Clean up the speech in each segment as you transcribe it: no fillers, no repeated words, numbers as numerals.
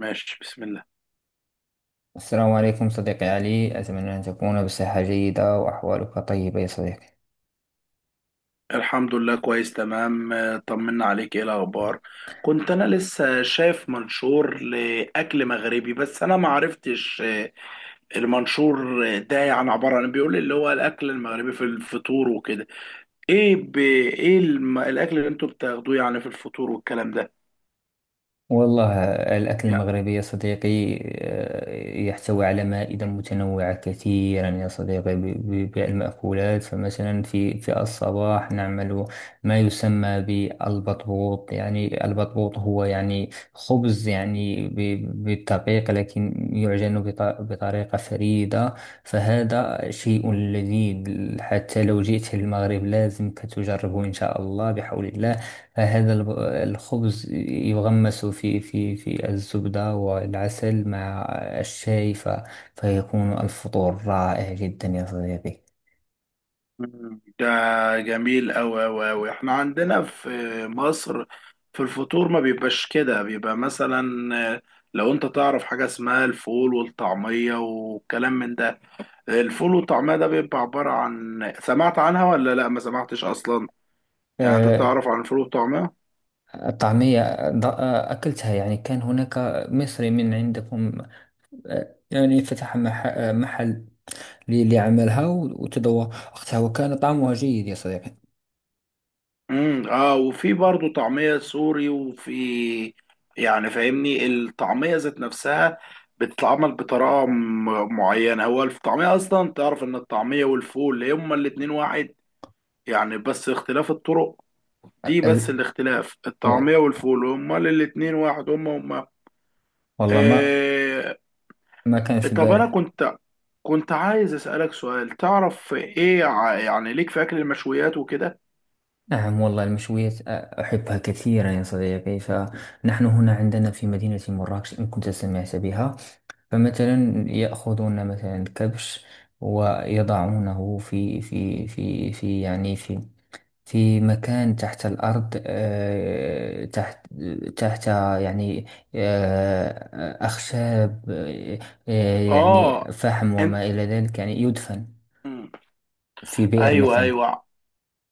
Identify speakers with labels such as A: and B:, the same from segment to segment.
A: ماشي، بسم الله.
B: السلام عليكم صديقي علي، أتمنى أن تكون بصحة جيدة وأحوالك طيبة يا صديقي.
A: الحمد لله، كويس، تمام. طمنا عليك، ايه الاخبار؟ كنت انا لسه شايف منشور لاكل مغربي بس انا ما عرفتش. المنشور ده يعني عباره عن إيه؟ بيقول اللي هو الاكل المغربي في الفطور وكده. ايه ايه الاكل اللي انتوا بتاخدوه يعني في الفطور والكلام ده؟
B: والله الأكل المغربي يا صديقي يحتوي على مائدة متنوعة كثيرا يا صديقي، بالمأكولات. فمثلا في الصباح نعمل ما يسمى بالبطبوط، يعني البطبوط هو يعني خبز يعني بالدقيق، لكن يعجن بطريقة فريدة. فهذا شيء لذيذ، حتى لو جئت المغرب لازم تجربه إن شاء الله بحول الله. هذا الخبز يغمس في الزبدة والعسل مع الشاي، فيكون الفطور رائع جدا يا صديقي.
A: ده جميل، أوي. احنا عندنا في مصر، في الفطور ما بيبقاش كده، بيبقى مثلا، آه، لو انت تعرف حاجة اسمها الفول والطعمية والكلام من ده. الفول والطعمية ده بيبقى عبارة عن، سمعت عنها ولا لا؟ ما سمعتش أصلا يعني انت
B: آه،
A: تعرف عن الفول والطعمية؟
B: الطعمية أكلتها، يعني كان هناك مصري من عندكم، يعني فتح محل ليعملها وتذوقتها وكان طعمها جيد يا صديقي.
A: امم، اه. وفي برضه طعمية سوري، وفي يعني، فاهمني، الطعمية ذات نفسها بتتعمل بطريقة معينة. هو الطعمية أصلا، تعرف إن الطعمية والفول هما الاتنين واحد يعني، بس اختلاف الطرق دي بس.
B: ال-
A: الاختلاف،
B: و-
A: الطعمية والفول هما الاتنين واحد، هما هما.
B: والله ما
A: آه.
B: ما كان في
A: طب أنا
B: بالي.
A: كنت عايز أسألك سؤال، تعرف إيه يعني ليك في أكل المشويات وكده؟
B: نعم، والله المشويات أحبها كثيرا يا صديقي. فنحن هنا عندنا في مدينة مراكش، إن كنت سمعت بها، فمثلا يأخذون مثلا كبش ويضعونه في يعني في في مكان تحت الأرض، تحت يعني أخشاب، يعني
A: آه.
B: فحم
A: أنت.
B: وما إلى ذلك، يعني يدفن
A: مم.
B: في بئر
A: ايوه،
B: مثلا.
A: ايوه.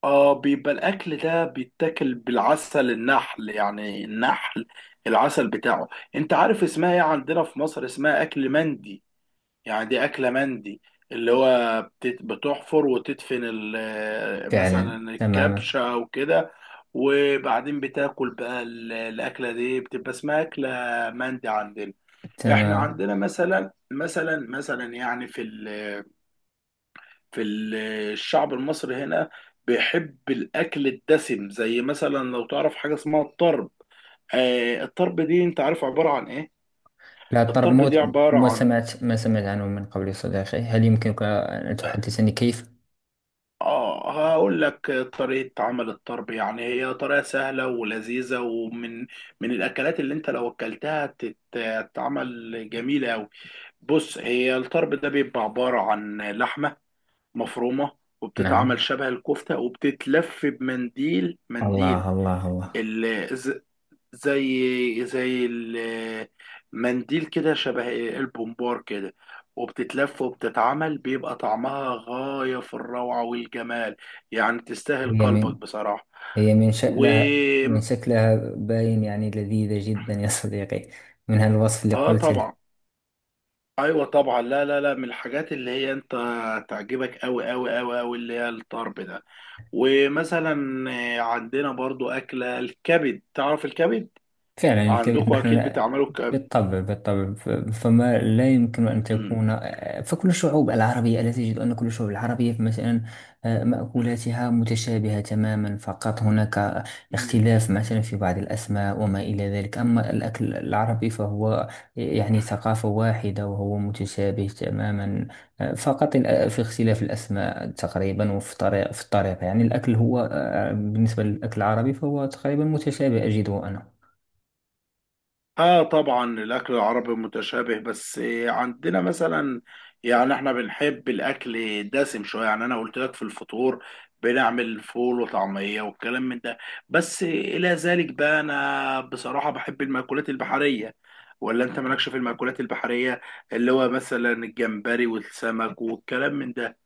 A: اه، بيبقى الاكل ده بيتاكل بالعسل النحل، يعني النحل العسل بتاعه. انت عارف اسمها ايه عندنا في مصر؟ اسمها اكل مندي. يعني دي اكله مندي، اللي هو بتحفر وتدفن
B: فعلا
A: مثلا
B: تماما.
A: الكبشه او كده، وبعدين بتاكل بقى الاكله دي، بتبقى اسمها اكله مندي عندنا. احنا
B: تمام.
A: عندنا مثلا، مثلا، يعني في ال، في الشعب المصري هنا بيحب الاكل الدسم. زي مثلا لو تعرف حاجه اسمها الطرب. آه، الطرب دي، انت عارف عباره عن ايه؟
B: لا، الطرب
A: الطرب دي
B: موت،
A: عباره عن،
B: ما سمعت عنه من قبل صديقي، هل يمكنك أن
A: اه،
B: تحدثني كيف؟
A: هقول لك طريقه عمل الطرب. يعني هي طريقه سهله ولذيذه، ومن من الاكلات اللي انت لو اكلتها تتعمل جميله قوي. بص، هي الطرب ده بيبقى عباره عن لحمه مفرومه، وبتتعمل
B: نعم.
A: شبه الكفته، وبتتلف بمنديل منديل،
B: الله الله الله.
A: ال- الز- زي زي المنديل كده، شبه البومبار كده، وبتتلف وبتتعمل، بيبقى طعمها غاية في الروعة والجمال. يعني تستاهل
B: هي
A: قلبك
B: من
A: بصراحة.
B: هي من
A: و
B: شكلها، من شكلها باين يعني لذيذة جدا يا صديقي، من هالوصف اللي
A: اه،
B: قلت لي.
A: طبعا، ايوه طبعا. لا لا لا، من الحاجات اللي هي انت تعجبك، قوي، اللي هي الطرب ده. ومثلا عندنا برضو اكلة الكبد. تعرف الكبد
B: فعلا يرتبط
A: عندكم، اكيد
B: نحن،
A: بتعملوا
B: بالطبع بالطبع، فما لا يمكن أن
A: الكبد.
B: تكون، فكل الشعوب العربية، ألا تجد أن كل الشعوب العربية مثلا مأكولاتها متشابهة تماما، فقط هناك اختلاف مثلا في بعض الأسماء وما إلى ذلك. أما الأكل العربي فهو يعني ثقافة واحدة وهو متشابه تماما. فقط في اختلاف الأسماء تقريبا، وفي طريقة، في الطريقة، يعني الأكل هو بالنسبة للأكل العربي فهو تقريبا متشابه أجده أنا.
A: اه طبعا، الاكل العربي متشابه، بس عندنا مثلا، يعني احنا بنحب الاكل دسم شويه. يعني انا قلت لك في الفطور بنعمل فول وطعميه والكلام من ده. بس الى ذلك بقى، انا بصراحه بحب المأكولات البحريه، ولا انت مالكش في المأكولات البحريه؟ اللي هو مثلا الجمبري والسمك والكلام من ده.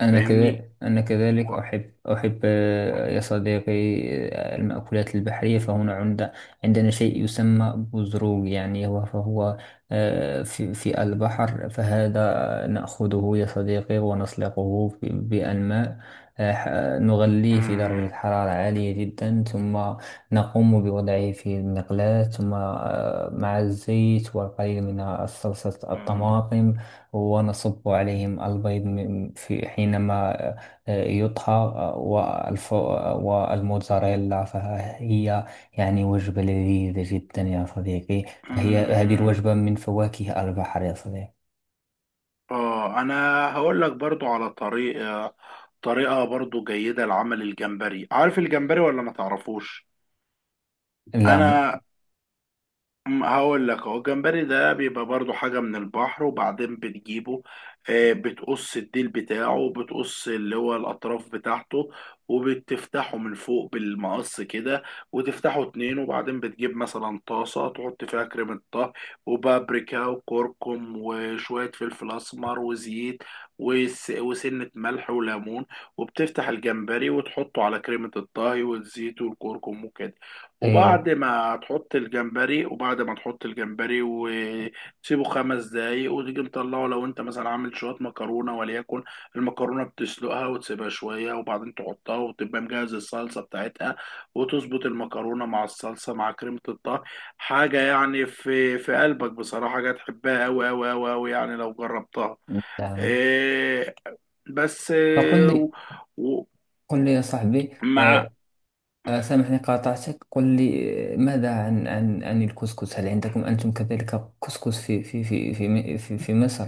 B: أنا
A: فاهمني.
B: كذا أنا كذلك
A: و...
B: أحب يا صديقي المأكولات البحرية. فهنا عندنا شيء يسمى بزروق، يعني فهو في البحر، فهذا نأخذه يا صديقي ونسلقه بأنماء، آه، ح- نغليه في
A: مم.
B: درجة حرارة عالية جدا، ثم نقوم بوضعه في المقلاة، ثم مع الزيت والقليل من صلصة
A: مم.
B: الطماطم، ونصب عليهم البيض من- في حينما يطهى، والموتزاريلا. فهي يعني وجبة لذيذة جدا يا صديقي، فهي هذه
A: مم.
B: الوجبة من فواكه البحر يا صديقي.
A: اه، انا هقول لك برضو على طريقة برضو جيدة لعمل الجمبري. عارف الجمبري ولا ما تعرفوش؟
B: لا م...
A: انا هقول لك اهو. الجمبري ده بيبقى برضو حاجة من البحر، وبعدين بتجيبه، بتقص الديل بتاعه، بتقص اللي هو الأطراف بتاعته، وبتفتحه من فوق بالمقص كده، وتفتحه اتنين، وبعدين بتجيب مثلا طاسة تحط فيها كريمة طهي وبابريكا وكركم وشوية فلفل أسمر وزيت وسنة ملح وليمون، وبتفتح الجمبري وتحطه على كريمة الطهي والزيت والكركم وكده، وبعد
B: أيوه.
A: ما تحط الجمبري، وتسيبه خمس دقايق، وتيجي مطلعه. لو انت مثلا عامل شوية مكرونة وليكن، المكرونة بتسلقها وتسيبها شوية، وبعدين تحطها، وتبقى مجهز الصلصة بتاعتها، وتظبط المكرونة مع الصلصة مع كريمة الطهي، حاجة يعني في في قلبك بصراحة، حاجة تحبها أوي يعني لو جربتها.
B: نعم،
A: إيه، بس
B: فقل لي،
A: و-
B: قل لي يا صاحبي،
A: ومع،
B: سامحني قاطعتك، قل لي ماذا عن عن الكسكس؟ هل عندكم أنتم كذلك كسكس في مصر؟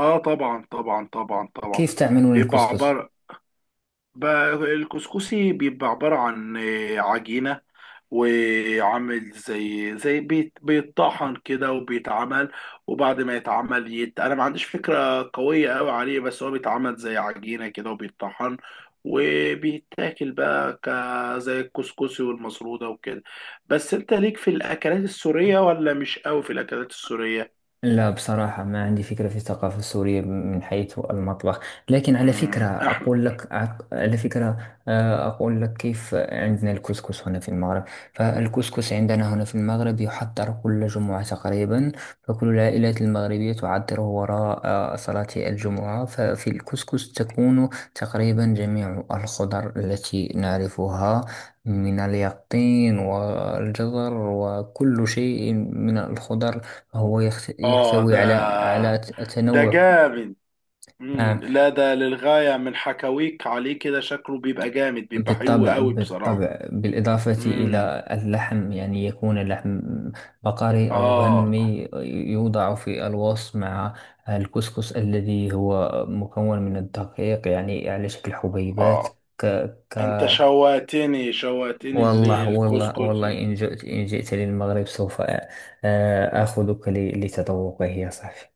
A: اه طبعا.
B: كيف تعملون
A: بيبقى
B: الكسكس؟
A: عبارة، بقى الكسكسي بيبقى عبارة عن عجينة، وعامل زي زي بيتطحن كده وبيتعمل، وبعد ما يتعمل انا ما عنديش فكرة قوية قوي عليه، بس هو بيتعمل زي عجينة كده وبيتطحن، وبيتاكل بقى زي الكسكسي والمسرودة وكده. بس انت ليك في الاكلات السورية ولا مش قوي في الاكلات السورية؟
B: لا بصراحة ما عندي فكرة في الثقافة السورية من حيث المطبخ، لكن على فكرة
A: مم، احنا،
B: أقول لك، على فكرة أقول لك كيف عندنا الكسكس هنا في المغرب. فالكسكس عندنا هنا في المغرب يحضر كل جمعة تقريبا، فكل العائلات المغربية تعطره وراء صلاة الجمعة. ففي الكسكس تكون تقريبا جميع الخضر التي نعرفها، من اليقطين والجزر وكل شيء من الخضر، هو
A: اه،
B: يحتوي
A: ده،
B: على
A: ده
B: تنوع.
A: جامد. مم.
B: نعم
A: لا ده للغاية، من حكاويك عليه كده، شكله بيبقى جامد، بيبقى حلو
B: بالطبع
A: قوي بصراحة.
B: بالطبع، بالإضافة
A: امم،
B: إلى اللحم، يعني يكون اللحم بقري أو
A: اه،
B: غنمي، يوضع في الوصف مع الكسكس الذي هو مكون من الدقيق، يعني على شكل
A: اه،
B: حبيبات. ك ك
A: انت شوقتني، شوقتني
B: والله
A: الكسكس.
B: إن جئت، للمغرب سوف آخذك لتذوقه يا صاحبي.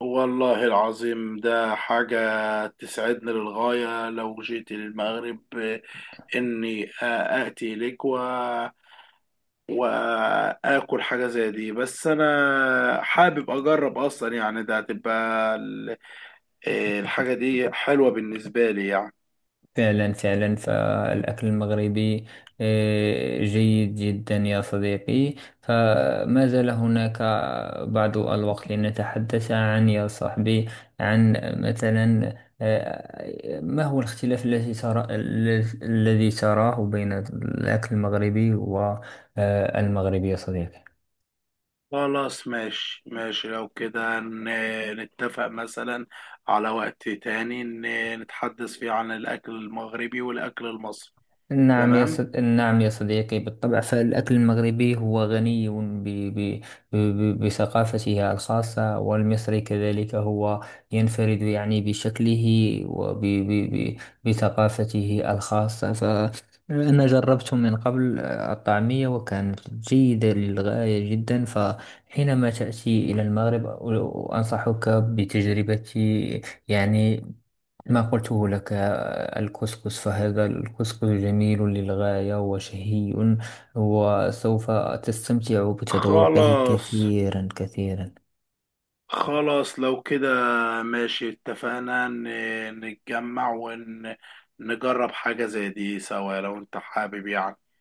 A: والله العظيم ده حاجة تسعدني للغاية، لو جيت للمغرب اني آتي لك و... واكل حاجة زي دي. بس انا حابب اجرب اصلا يعني، ده هتبقى الحاجة دي حلوة بالنسبة لي يعني.
B: فعلا فالأكل المغربي جيد جدا يا صديقي. فما زال هناك بعض الوقت لنتحدث عن، يا صاحبي، عن مثلا ما هو الاختلاف الذي الذي تراه بين الأكل المغربي والمغربي يا صديقي.
A: خلاص، ماشي ماشي، لو كده نتفق مثلا على وقت تاني نتحدث فيه عن الأكل المغربي والأكل المصري. تمام.
B: نعم يا صديقي، بالطبع فالأكل المغربي هو غني ب... بثقافته الخاصة، والمصري كذلك هو ينفرد يعني بشكله وب بثقافته الخاصة. فأنا جربت من قبل الطعمية وكانت جيدة للغاية جدا، فحينما تأتي إلى المغرب أنصحك بتجربة يعني ما قلته لك، الكسكس. فهذا الكسكس جميل للغاية وشهي، وسوف تستمتع بتذوقه
A: خلاص،
B: كثيرا كثيرا.
A: خلاص، لو كده ماشي، اتفقنا نتجمع ونجرب حاجة زي دي سوا لو انت حابب يعني.